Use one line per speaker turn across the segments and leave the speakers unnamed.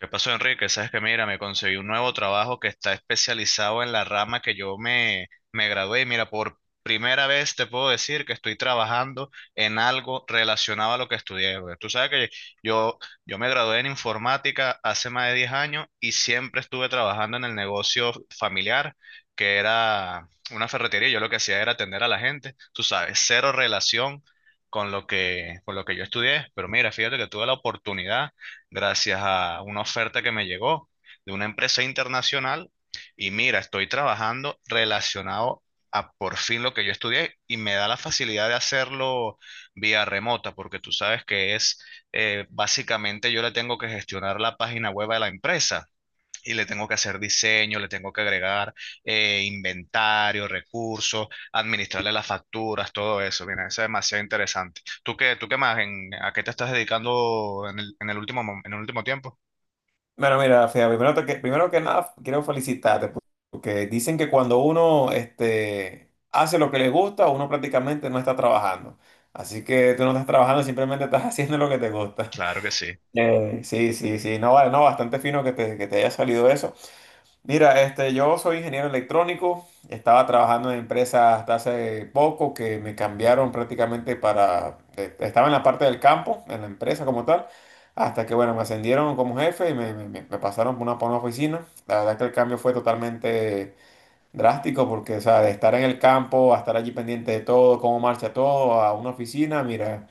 ¿Qué pasó, Enrique? Sabes que mira, me conseguí un nuevo trabajo que está especializado en la rama que yo me gradué. Y mira, por primera vez te puedo decir que estoy trabajando en algo relacionado a lo que estudié, güey. Tú sabes que yo, yo me gradué en informática hace más de 10 años y siempre estuve trabajando en el negocio familiar, que era una ferretería. Yo lo que hacía era atender a la gente. Tú sabes, cero relación con lo que yo estudié. Pero mira, fíjate que tuve la oportunidad gracias a una oferta que me llegó de una empresa internacional y mira, estoy trabajando relacionado a por fin lo que yo estudié y me da la facilidad de hacerlo vía remota, porque tú sabes que es, básicamente yo le tengo que gestionar la página web de la empresa y le tengo que hacer diseño, le tengo que agregar inventario, recursos, administrarle las facturas, todo eso. Mira, eso es demasiado interesante. ¿Tú qué más? ¿A qué te estás dedicando en el último, en el último tiempo?
Bueno, mira, Fea, primero que nada quiero porque dicen que cuando uno hace lo que le gusta, uno prácticamente no está trabajando. Así que tú no estás trabajando, simplemente estás haciendo lo que te gusta.
Claro que sí,
Sí, sí, sí, no, vale, no, bastante fino que que te haya salido eso. Mira, yo soy ingeniero electrónico, estaba trabajando en empresas hasta hace poco que me cambiaron prácticamente para, estaba en la parte del campo, en la empresa como tal, hasta que bueno, me ascendieron como jefe y me pasaron por una oficina. La verdad que el cambio fue totalmente drástico porque, o sea, de estar en el campo a estar allí pendiente de todo, cómo marcha todo, a una oficina, mira.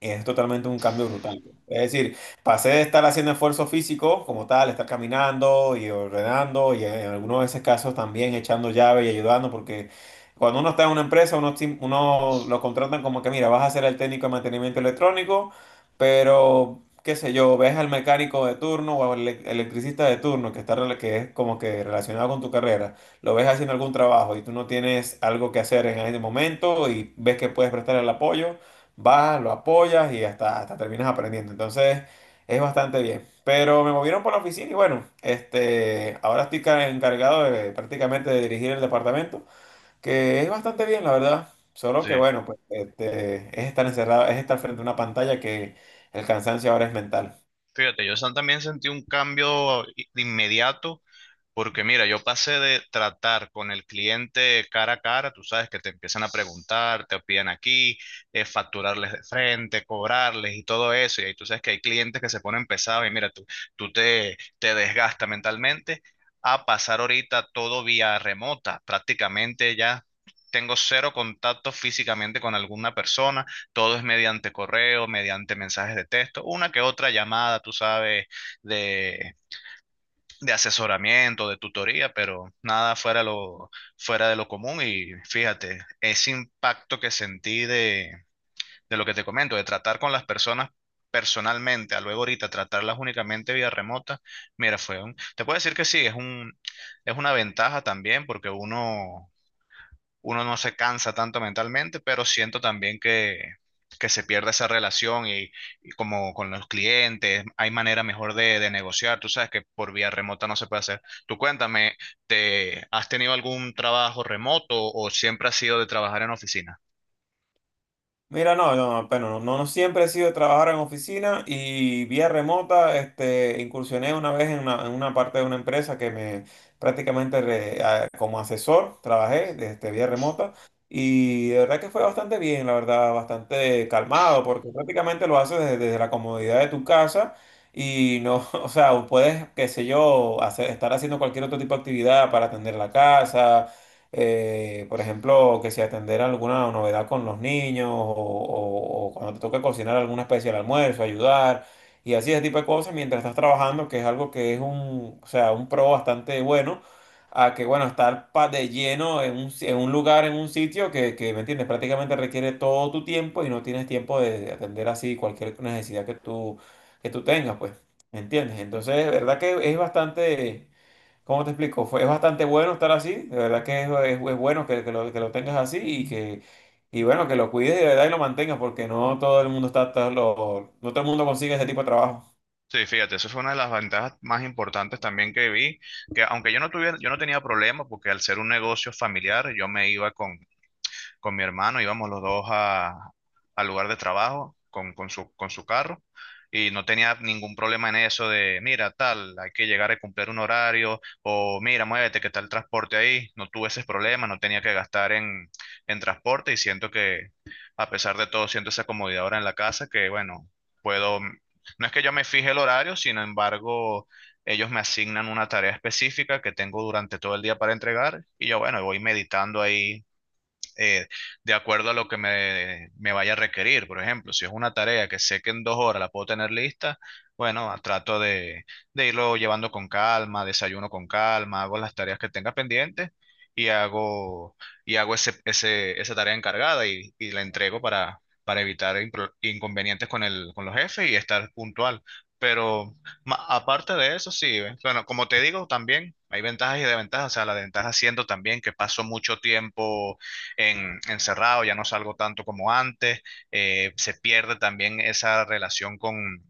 Es totalmente un cambio brutal. Es decir, pasé de estar haciendo esfuerzo físico como tal, estar caminando y ordenando y en algunos de esos casos también echando llave y ayudando, porque cuando uno está en una empresa, uno, uno lo contratan como que, mira, vas a ser el técnico de mantenimiento electrónico, pero, qué sé yo, ves al mecánico de turno o al electricista de turno que, está, que es como que relacionado con tu carrera, lo ves haciendo algún trabajo y tú no tienes algo que hacer en ese momento y ves que puedes prestar el apoyo vas, lo apoyas y hasta, hasta terminas aprendiendo. Entonces, es bastante bien. Pero me movieron por la oficina y bueno, ahora estoy encargado de prácticamente de dirigir el departamento, que es bastante bien, la verdad. Solo
sí.
que bueno, pues es estar encerrado, es estar frente a una pantalla que el cansancio ahora es mental.
Fíjate, yo también sentí un cambio inmediato. Porque mira, yo pasé de tratar con el cliente cara a cara, tú sabes que te empiezan a preguntar, te piden aquí, facturarles de frente, cobrarles y todo eso. Y ahí tú sabes que hay clientes que se ponen pesados y mira, tú, tú te desgastas mentalmente a pasar ahorita todo vía remota. Prácticamente ya tengo cero contacto físicamente con alguna persona, todo es mediante correo, mediante mensajes de texto, una que otra llamada, tú sabes, de de asesoramiento, de tutoría, pero nada fuera, fuera de lo común. Y fíjate, ese impacto que sentí de lo que te comento, de tratar con las personas personalmente, a luego ahorita tratarlas únicamente vía remota, mira, fue un, te puedo decir que sí, es un, es una ventaja también porque uno no se cansa tanto mentalmente, pero siento también que se pierde esa relación y como con los clientes, hay manera mejor de negociar, tú sabes que por vía remota no se puede hacer. Tú cuéntame, ¿te has tenido algún trabajo remoto o siempre has sido de trabajar en oficina?
Mira, no, no, no, pero no, no siempre he sido de trabajar en oficina y vía remota, incursioné una vez en una parte de una empresa que me prácticamente como asesor trabajé vía remota y de verdad que fue bastante bien, la verdad, bastante calmado porque prácticamente lo haces desde, desde la comodidad de tu casa y no, o sea, puedes, qué sé yo, hacer, estar haciendo cualquier otro tipo de actividad para atender la casa por ejemplo, que si atender alguna novedad con los niños o cuando te toca cocinar alguna especie de almuerzo, ayudar y así ese tipo de cosas mientras estás trabajando, que es algo que es un, o sea, un pro bastante bueno, a que, bueno, estar de lleno en un, en un lugar, en un sitio que, ¿me entiendes? Prácticamente requiere todo tu tiempo y no tienes tiempo de atender así cualquier necesidad que tú tengas, pues, ¿me entiendes? Entonces, verdad que es bastante. ¿Cómo te explico? Fue, es bastante bueno estar así, de verdad que es, es bueno que lo tengas así y que y bueno, que lo cuides de verdad y lo mantengas porque no todo el mundo está, está no todo el mundo consigue ese tipo de trabajo.
Sí, fíjate, eso fue una de las ventajas más importantes también que vi, que aunque yo no tuviera, yo no tenía problema porque al ser un negocio familiar, yo me iba con mi hermano, íbamos los al lugar de trabajo con su carro y no tenía ningún problema en eso de, mira, tal, hay que llegar a cumplir un horario o mira, muévete, que está el transporte ahí. No tuve ese problema, no tenía que gastar en transporte y siento que, a pesar de todo, siento esa comodidad ahora en la casa que, bueno, puedo, no es que yo me fije el horario, sin embargo, ellos me asignan una tarea específica que tengo durante todo el día para entregar y yo, bueno, voy meditando ahí, eh, de acuerdo a lo que me vaya a requerir. Por ejemplo, si es una tarea que sé que en 2 horas la puedo tener lista, bueno, trato de irlo llevando con calma, desayuno con calma, hago las tareas que tenga pendientes y hago, y hago ese, esa tarea encargada y la entrego para evitar inconvenientes con el, con los jefes y estar puntual. Pero aparte de eso, sí, ¿ves? Bueno, como te digo, también hay ventajas y desventajas. O sea, la ventaja siendo también que paso mucho tiempo en, encerrado, ya no salgo tanto como antes, se pierde también esa relación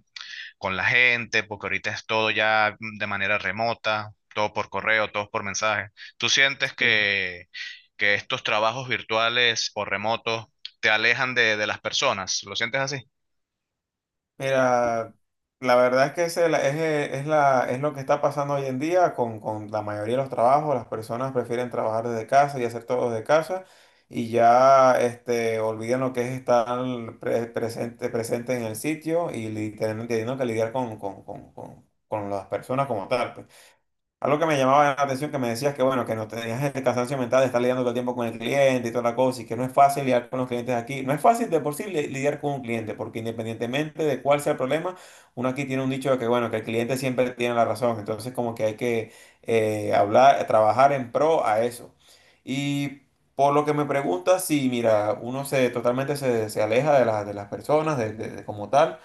con la gente, porque ahorita es todo ya de manera remota, todo por correo, todo por mensaje. ¿Tú sientes que estos trabajos virtuales o remotos te alejan de las personas? ¿Lo sientes así?
Mira, la verdad es que ese es, es la, es lo que está pasando hoy en día con la mayoría de los trabajos. Las personas prefieren trabajar desde casa y hacer todo desde casa y ya olvidan lo que es estar presente, presente en el sitio y teniendo que lidiar con las personas como tal, pues. Algo que me llamaba la atención, que me decías que bueno, que no tenías el cansancio mental de estar lidiando todo el tiempo con el cliente y toda la cosa, y que no es fácil lidiar con los clientes aquí. No es fácil de por sí lidiar con un cliente, porque independientemente de cuál sea el problema, uno aquí tiene un dicho de que bueno, que el cliente siempre tiene la razón. Entonces, como que hay que hablar, trabajar en pro a eso. Y por lo que me preguntas, sí, mira, uno se totalmente se, se aleja de, de las personas, de, de como tal.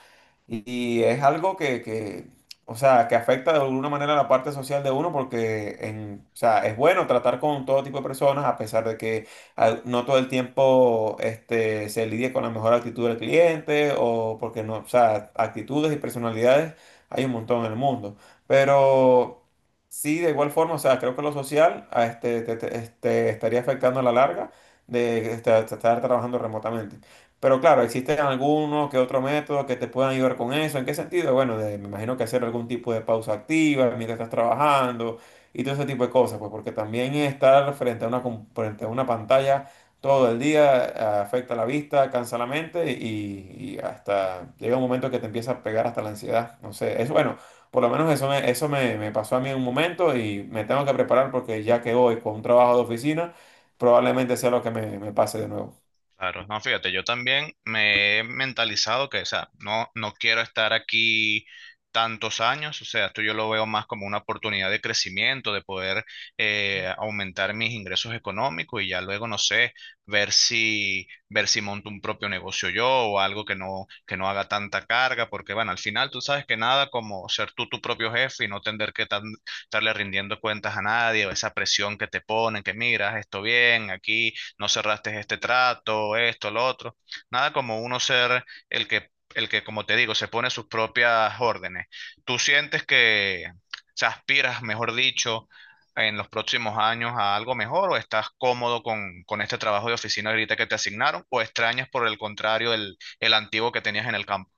Y es algo que, o sea, que afecta de alguna manera la parte social de uno porque en, o sea, es bueno tratar con todo tipo de personas a pesar de que no todo el tiempo se lidie con la mejor actitud del cliente o porque no, o sea, actitudes y personalidades hay un montón en el mundo. Pero sí, de igual forma, o sea, creo que lo social a estaría afectando a la larga de estar trabajando remotamente. Pero claro, existen algunos que otro método que te puedan ayudar con eso. ¿En qué sentido? Bueno, me imagino que hacer algún tipo de pausa activa mientras estás trabajando y todo ese tipo de cosas, pues porque también estar frente a una, frente a una pantalla todo el día afecta la vista, cansa la mente y hasta llega un momento que te empieza a pegar hasta la ansiedad. No sé, es bueno, por lo menos eso me pasó a mí en un momento y me tengo que preparar porque ya que hoy con un trabajo de oficina, probablemente sea lo que me pase de nuevo.
Claro, no, fíjate, yo también me he mentalizado que, o sea, no, no quiero estar aquí tantos años, o sea, esto yo lo veo más como una oportunidad de crecimiento, de poder aumentar mis ingresos económicos y ya luego, no sé, ver si monto un propio negocio yo o algo que no haga tanta carga, porque, bueno, al final tú sabes que nada como ser tú tu propio jefe y no tener que estarle rindiendo cuentas a nadie, o esa presión que te ponen, que miras, esto bien, aquí no cerraste este trato, esto, lo otro. Nada como uno ser el que, como te digo, se pone sus propias órdenes. ¿Tú sientes que, se aspiras, mejor dicho, en los próximos años a algo mejor o estás cómodo con este trabajo de oficina ahorita que te asignaron o extrañas por el contrario el antiguo que tenías en el campo?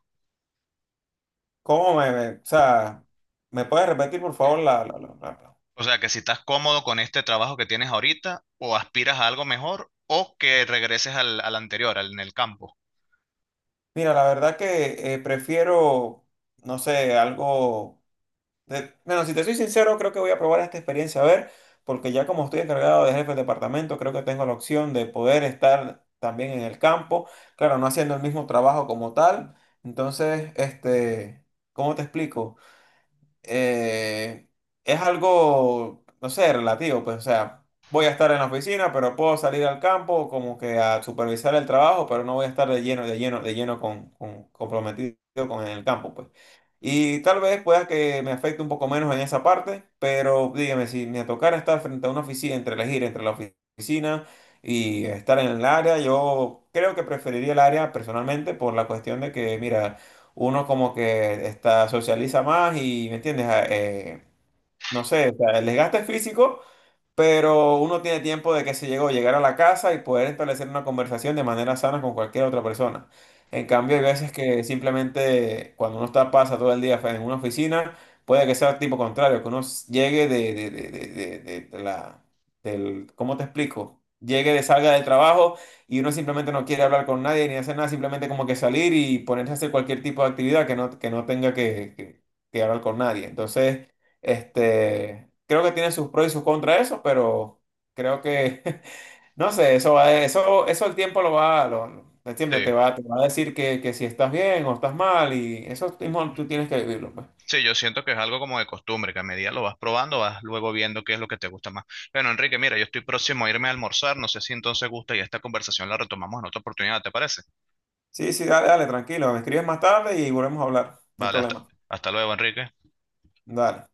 ¿Cómo o sea, me puedes repetir, por favor,
O sea, que si estás cómodo con este trabajo que tienes ahorita o aspiras a algo mejor o que regreses al, al anterior, al, en el campo.
Mira, la verdad que prefiero, no sé, algo. Bueno, si te soy sincero, creo que voy a probar esta experiencia, a ver, porque ya como estoy encargado de jefe de departamento, creo que tengo la opción de poder estar también en el campo, claro, no haciendo el mismo trabajo como tal. Entonces, ¿cómo te explico? eh, es algo, no sé, relativo, pues, o sea, voy a estar en la oficina, pero puedo salir al campo como que a supervisar el trabajo, pero no voy a estar de lleno, de lleno, de lleno con, comprometido con el campo, pues. Y tal vez pueda que me afecte un poco menos en esa parte, pero dígame, si me tocara estar frente a una oficina, entre elegir entre la oficina y estar en el área, yo creo que preferiría el área personalmente por la cuestión de que, mira, uno como que está, socializa más y, ¿me entiendes? No sé, o sea, el desgaste físico pero uno tiene tiempo de que se llegó llegar a la casa y poder establecer una conversación de manera sana con cualquier otra persona. En cambio, hay veces que simplemente cuando uno está pasa todo el día en una oficina, puede que sea tipo contrario, que uno llegue de la del, ¿cómo te explico? Llegue de salga del trabajo y uno simplemente no quiere hablar con nadie ni hacer nada, simplemente como que salir y ponerse a hacer cualquier tipo de actividad que no tenga que, que hablar con nadie. Entonces, creo que tiene sus pros y sus contras eso, pero creo que, no sé, eso va, eso el tiempo lo va, lo, el
Sí.
tiempo te va a decir que si estás bien o estás mal y eso mismo tú tienes que vivirlo, pues.
Sí, yo siento que es algo como de costumbre, que a medida lo vas probando, vas luego viendo qué es lo que te gusta más. Bueno, Enrique, mira, yo estoy próximo a irme a almorzar, no sé si entonces gusta y esta conversación la retomamos en otra oportunidad, ¿te parece?
Sí, sí, dale, dale, tranquilo, me escribes más tarde y volvemos a hablar, no hay
Vale, hasta,
problema.
hasta luego, Enrique.
Dale.